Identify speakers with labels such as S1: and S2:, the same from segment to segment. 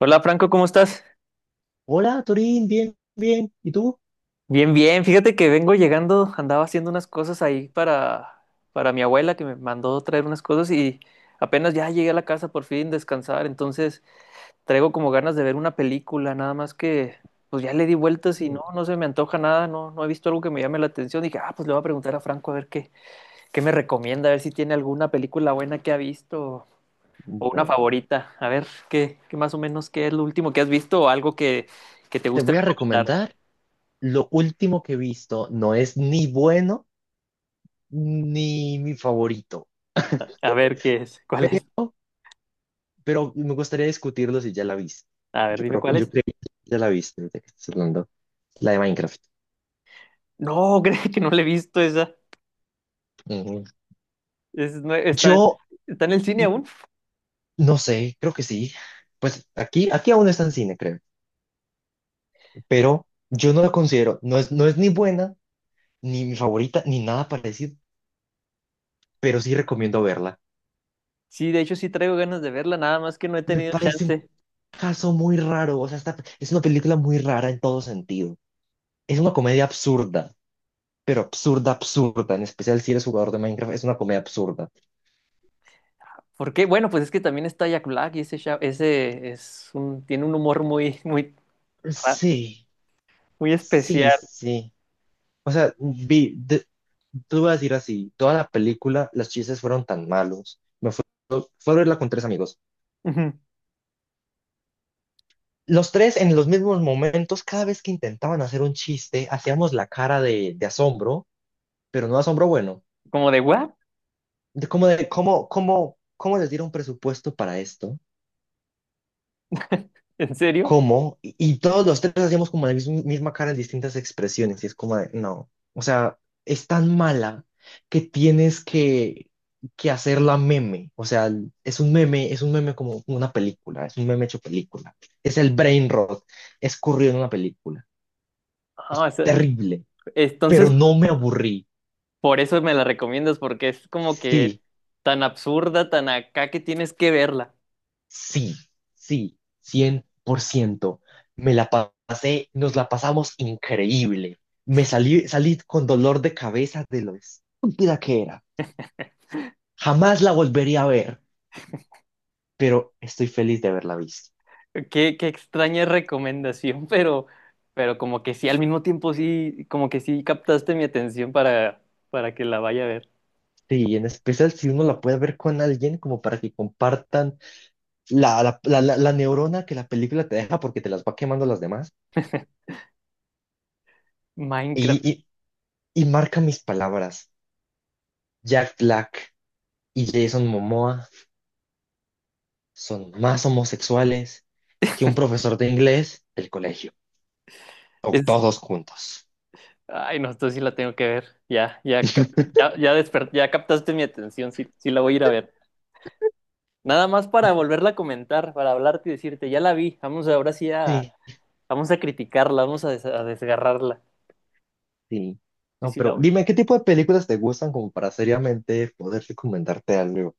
S1: Hola Franco, ¿cómo estás?
S2: Hola, Torín, bien, bien. ¿Y tú?
S1: Bien, bien. Fíjate que vengo llegando, andaba haciendo unas cosas ahí para mi abuela que me mandó traer unas cosas, y apenas ya llegué a la casa por fin descansar. Entonces traigo como ganas de ver una película, nada más que pues ya le di vueltas y
S2: Mm.
S1: no, no se me antoja nada, no, no he visto algo que me llame la atención. Dije, ah, pues le voy a preguntar a Franco a ver qué, me recomienda, a ver si tiene alguna película buena que ha visto o una
S2: Bueno.
S1: favorita. A ver, qué, más o menos qué es lo último que has visto o algo que te
S2: Te
S1: guste
S2: voy a
S1: recomendar.
S2: recomendar lo último que he visto. No es ni bueno ni mi favorito,
S1: A ver, ¿qué es? ¿Cuál es?
S2: pero me gustaría discutirlo si ya la viste.
S1: A ver,
S2: Yo
S1: dime
S2: creo,
S1: cuál
S2: yo
S1: es.
S2: creo que ya la viste, ahorita que estás hablando. La de Minecraft.
S1: No, creo que no la he visto esa.
S2: Ujú.
S1: Es nue- está,
S2: Yo
S1: está en el cine aún.
S2: no sé, creo que sí. Pues aquí aún está en cine, creo. Pero yo no la considero, no es ni buena, ni mi favorita, ni nada parecido, pero sí recomiendo verla.
S1: Sí, de hecho sí traigo ganas de verla, nada más que no he
S2: Me
S1: tenido
S2: parece un
S1: chance.
S2: caso muy raro, o sea, es una película muy rara en todo sentido. Es una comedia absurda, pero absurda, absurda, en especial si eres jugador de Minecraft, es una comedia absurda.
S1: ¿Por qué? Bueno, pues es que también está Jack Black, y ese tiene un humor muy, muy, ra-
S2: Sí.
S1: muy
S2: Sí,
S1: especial.
S2: sí. O sea, tú vas a decir así, toda la película, los chistes fueron tan malos. Fue a verla con tres amigos.
S1: Ujú.
S2: Los tres en los mismos momentos, cada vez que intentaban hacer un chiste, hacíamos la cara de asombro, pero no asombro bueno.
S1: Como de, ¿what?
S2: De cómo, de, cómo les dieron presupuesto para esto?
S1: ¿En serio?
S2: ¿Cómo? Y todos los tres hacíamos como la misma cara en distintas expresiones, y es como de, no, o sea, es tan mala que tienes que, que hacerla meme, o sea, es un meme como una película, es un meme hecho película, es el brain rot, es corrido en una película,
S1: Ah, o sea,
S2: terrible, pero
S1: entonces,
S2: no me aburrí,
S1: por eso me la recomiendas, porque es como que
S2: sí.
S1: tan absurda, tan acá, que tienes que verla.
S2: Sí, sí, 100%. Me la pasé, nos la pasamos increíble. Salí con dolor de cabeza de lo estúpida que era. Jamás la volvería a ver, pero estoy feliz de haberla visto.
S1: Qué, extraña recomendación, pero, como que sí, al mismo tiempo sí, como que sí captaste mi atención para, que la vaya a ver.
S2: Sí, y en especial si uno la puede ver con alguien, como para que compartan la neurona que la película te deja porque te las va quemando las demás. Y,
S1: Minecraft.
S2: y, y marca mis palabras. Jack Black y Jason Momoa son más homosexuales que un profesor de inglés del colegio, o
S1: Es,
S2: todos juntos.
S1: Ay, no, esto sí la tengo que ver. Ya, ya, ya captaste mi atención, sí, sí la voy a ir a ver. Nada más para volverla a comentar, para hablarte y decirte, ya la vi,
S2: Sí,
S1: vamos a criticarla, a desgarrarla.
S2: sí.
S1: Sí,
S2: No,
S1: sí la
S2: pero
S1: voy.
S2: dime, ¿qué tipo de películas te gustan como para seriamente poder recomendarte algo?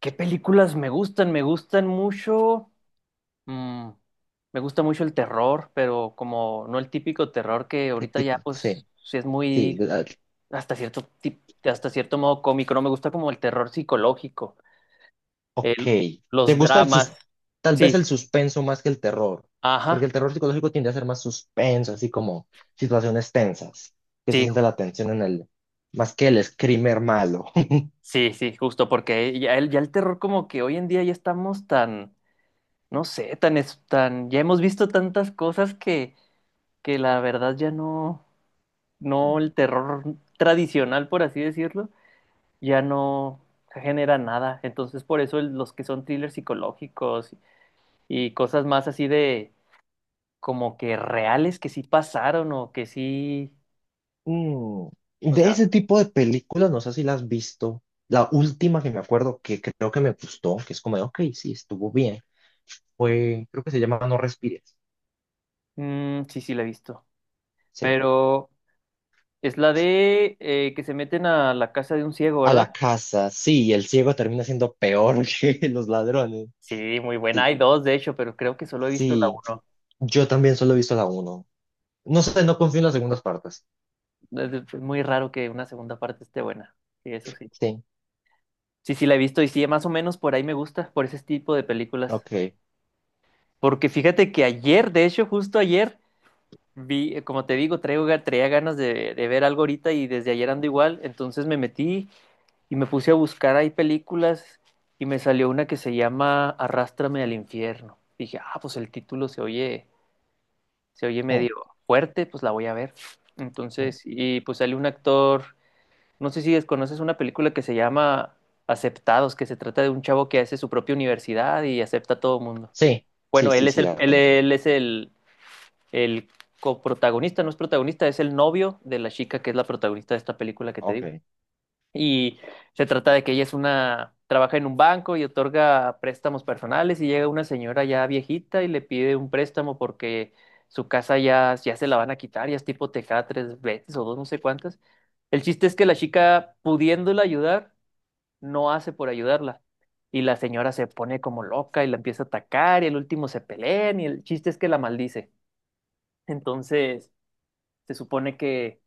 S1: ¿Qué películas me gustan? Me gustan mucho. Mm, Me gusta mucho el terror, pero como no el típico terror, que
S2: ¿Qué
S1: ahorita
S2: tipo?
S1: ya pues
S2: Sí,
S1: sí es
S2: sí.
S1: muy hasta cierto modo cómico. No me gusta como el terror psicológico,
S2: Ok.
S1: el,
S2: ¿Te
S1: los
S2: gusta el
S1: dramas.
S2: sus tal vez
S1: Sí,
S2: el suspenso más que el terror? Porque
S1: ajá.
S2: el terror psicológico tiende a ser más suspenso, así como situaciones tensas, que se
S1: Sí,
S2: sienta la tensión en el, más que el screamer malo.
S1: sí, sí, justo porque ya el terror, como que hoy en día ya estamos tan, no sé, tan ya hemos visto tantas cosas que la verdad, ya no, no, el terror tradicional, por así decirlo, ya no genera nada. Entonces, por eso los que son thrillers psicológicos y cosas más así, de como que reales, que sí pasaron o que sí,
S2: Mm,
S1: o
S2: de
S1: sea,
S2: ese tipo de películas, no sé si las has visto. La última que me acuerdo que creo que me gustó, que es como de, ok, sí, estuvo bien, fue, creo que se llama No respires.
S1: mm, sí, sí la he visto.
S2: Sí.
S1: Pero es la de que se meten a la casa de un ciego,
S2: A
S1: ¿verdad?
S2: la casa, sí, el ciego termina siendo peor que los ladrones.
S1: Sí, muy buena.
S2: Sí,
S1: Hay dos, de hecho, pero creo que solo he visto la
S2: sí,
S1: uno.
S2: yo también solo he visto la uno. No sé, no confío en las segundas partes.
S1: Es muy raro que una segunda parte esté buena. Sí, eso sí.
S2: Sí,
S1: Sí, sí, la he visto, y sí, más o menos por ahí me gusta, por ese tipo de películas.
S2: ok.
S1: Porque fíjate que ayer, de hecho, justo ayer, como te digo, traía ganas de ver algo ahorita, y desde ayer ando igual. Entonces me metí y me puse a buscar ahí películas, y me salió una que se llama Arrástrame al infierno. Dije, ah, pues el título se oye,
S2: Mm,
S1: medio fuerte, pues la voy a ver.
S2: mm.
S1: Entonces, y pues sale un actor, no sé si desconoces una película que se llama Aceptados, que se trata de un chavo que hace su propia universidad y acepta a todo mundo.
S2: Sí, sí,
S1: Bueno, él
S2: sí,
S1: es
S2: sí,
S1: el,
S2: la
S1: él,
S2: conozco.
S1: él es el, el coprotagonista. No es protagonista, es el novio de la chica que es la protagonista de esta película que te
S2: Ok.
S1: digo. Y se trata de que ella es trabaja en un banco y otorga préstamos personales, y llega una señora ya viejita y le pide un préstamo porque su casa ya, se la van a quitar. Ya es tipo tejada tres veces o dos, no sé cuántas. El chiste es que la chica, pudiéndola ayudar, no hace por ayudarla. Y la señora se pone como loca y la empieza a atacar, y el último se pelean, y el chiste es que la maldice. Entonces, se supone que,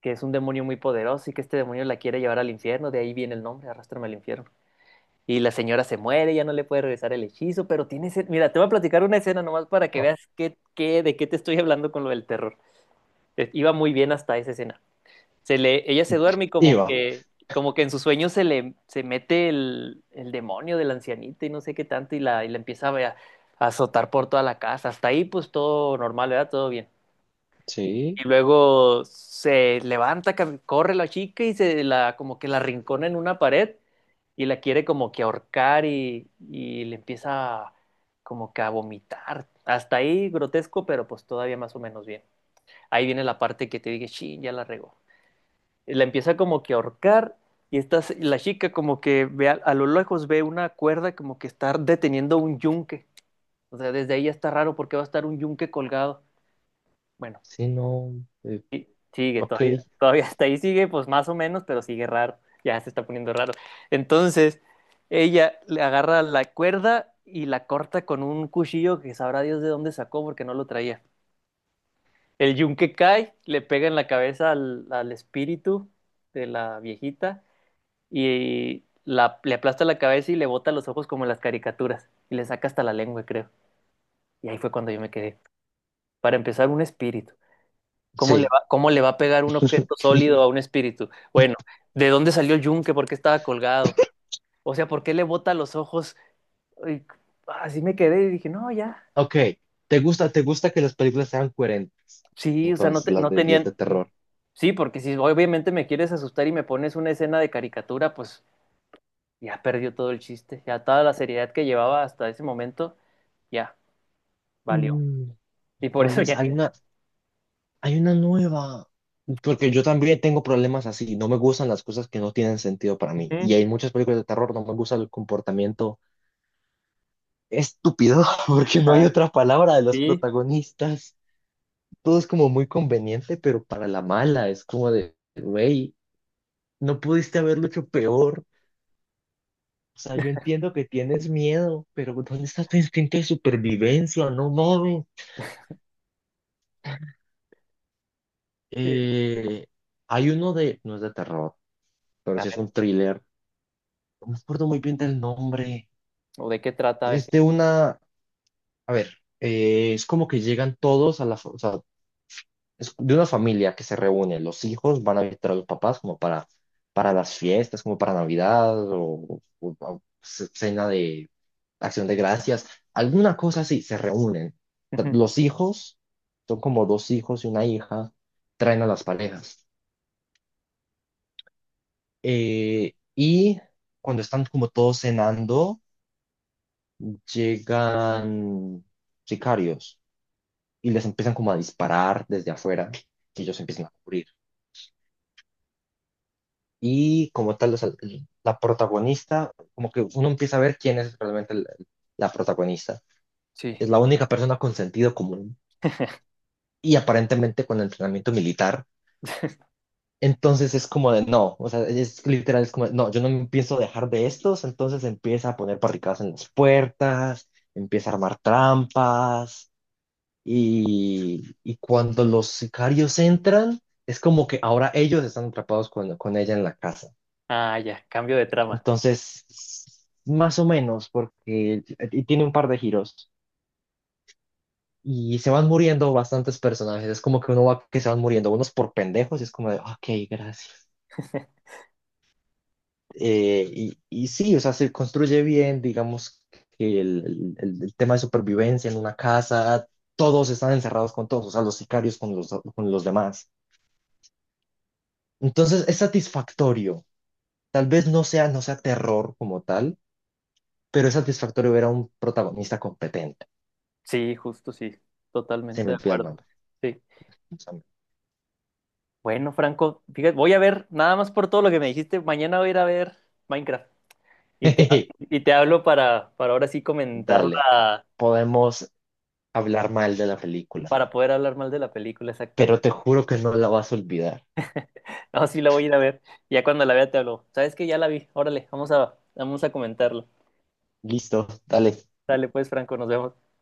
S1: es un demonio muy poderoso, y que este demonio la quiere llevar al infierno. De ahí viene el nombre, arrastrarme al infierno. Y la señora se muere, ya no le puede regresar el hechizo, pero mira, te voy a platicar una escena nomás para que
S2: Ah,
S1: veas qué, de qué te estoy hablando con lo del terror. Iba muy bien hasta esa escena. Ella se duerme y
S2: iba.
S1: como que en sus sueños se mete el demonio de la ancianita y no sé qué tanto, y la empieza a azotar por toda la casa. Hasta ahí pues todo normal, ¿verdad? Todo bien.
S2: Sí,
S1: Y luego se levanta, corre la chica y se la como que la rincona en una pared, y la quiere como que ahorcar, y le empieza como que a vomitar. Hasta ahí grotesco, pero pues todavía más o menos bien. Ahí viene la parte que te dije, sí, ya la regó. Y la empieza como que a ahorcar, y la chica como que ve a lo lejos ve una cuerda como que está deteniendo un yunque. O sea, desde ahí ya está raro, porque va a estar un yunque colgado. Bueno,
S2: sí, no.
S1: sigue,
S2: Ok,
S1: todavía hasta ahí sigue, pues más o menos, pero sigue raro, ya se está poniendo raro. Entonces, ella le agarra la cuerda y la corta con un cuchillo que sabrá Dios de dónde sacó, porque no lo traía. El yunque cae, le pega en la cabeza al espíritu de la viejita, y le aplasta la cabeza y le bota los ojos como en las caricaturas, y le saca hasta la lengua, creo. Y ahí fue cuando yo me quedé. Para empezar, un espíritu. ¿Cómo le
S2: sí.
S1: va, cómo le va a pegar un objeto sólido a un espíritu? Bueno, ¿de dónde salió el yunque? ¿Por qué estaba colgado? O sea, ¿por qué le bota los ojos? Ay, así me quedé y dije, no, ya.
S2: Ok, ¿te gusta que las películas sean coherentes?
S1: Sí, o sea, no,
S2: Entonces,
S1: no
S2: las de
S1: tenían.
S2: terror.
S1: Sí, porque si obviamente me quieres asustar y me pones una escena de caricatura, pues ya perdió todo el chiste. Ya toda la seriedad que llevaba hasta ese momento, ya valió.
S2: Mm,
S1: Y por
S2: ¿cuál
S1: eso,
S2: es?
S1: ya.
S2: Hay una nueva. Porque yo también tengo problemas así. No me gustan las cosas que no tienen sentido para mí. Y
S1: Ujú.
S2: hay muchas películas de terror, no me gusta el comportamiento estúpido, porque no hay
S1: Ajá,
S2: otra palabra de los
S1: sí.
S2: protagonistas. Todo es como muy conveniente, pero para la mala es como de, güey, no pudiste haberlo hecho peor. O sea, yo entiendo que tienes miedo, pero ¿dónde está tu instinto de supervivencia? No mames.
S1: Sí.
S2: Eh, hay uno de, no es de terror, pero
S1: A
S2: sí es
S1: ver,
S2: un thriller. No me acuerdo muy bien del nombre.
S1: ¿o de qué trata? A ver,
S2: Es
S1: sí.
S2: de una, a ver, es como que llegan todos a la, o sea, es de una familia que se reúne, los hijos van a visitar a los papás como para las fiestas, como para Navidad o cena de Acción de Gracias, alguna cosa así, se reúnen.
S1: Ujú.
S2: Los hijos son como dos hijos y una hija, traen a las parejas. Y cuando están como todos cenando, llegan sicarios y les empiezan como a disparar desde afuera y ellos empiezan a cubrir. Y como tal, o sea, la protagonista, como que uno empieza a ver quién es realmente la, la protagonista.
S1: Sí.
S2: Es la única persona con sentido común y aparentemente con entrenamiento militar. Entonces es como de no, o sea, es literal, es como de, no, yo no me pienso dejar de estos, entonces empieza a poner barricadas en las puertas, empieza a armar trampas y cuando los sicarios entran, es como que ahora ellos están atrapados con ella en la casa.
S1: Ah, ya, cambio de trama.
S2: Entonces, más o menos, porque y tiene un par de giros y se van muriendo bastantes personajes. Es como que uno va que se van muriendo, unos por pendejos, y es como de, ok, gracias. Y sí, o sea, se construye bien, digamos, que el tema de supervivencia en una casa, todos están encerrados con todos, o sea, los sicarios con los demás. Entonces, es satisfactorio. Tal vez no sea terror como tal, pero es satisfactorio ver a un protagonista competente.
S1: Sí, justo sí,
S2: Se
S1: totalmente
S2: me
S1: de
S2: olvida el
S1: acuerdo.
S2: nombre.
S1: Sí.
S2: Pásame.
S1: Bueno, Franco, fíjate, voy a ver, nada más por todo lo que me dijiste, mañana voy a ir a ver Minecraft, y te, hablo para, ahora sí
S2: Dale,
S1: comentarla,
S2: podemos hablar mal de la película,
S1: para poder hablar mal de la película,
S2: pero
S1: exactamente.
S2: te juro que no la vas a olvidar.
S1: No, sí la voy a ir a ver, ya cuando la vea te hablo. ¿Sabes que ya la vi? Órale, vamos a comentarlo.
S2: Listo, dale.
S1: Dale pues, Franco, nos vemos.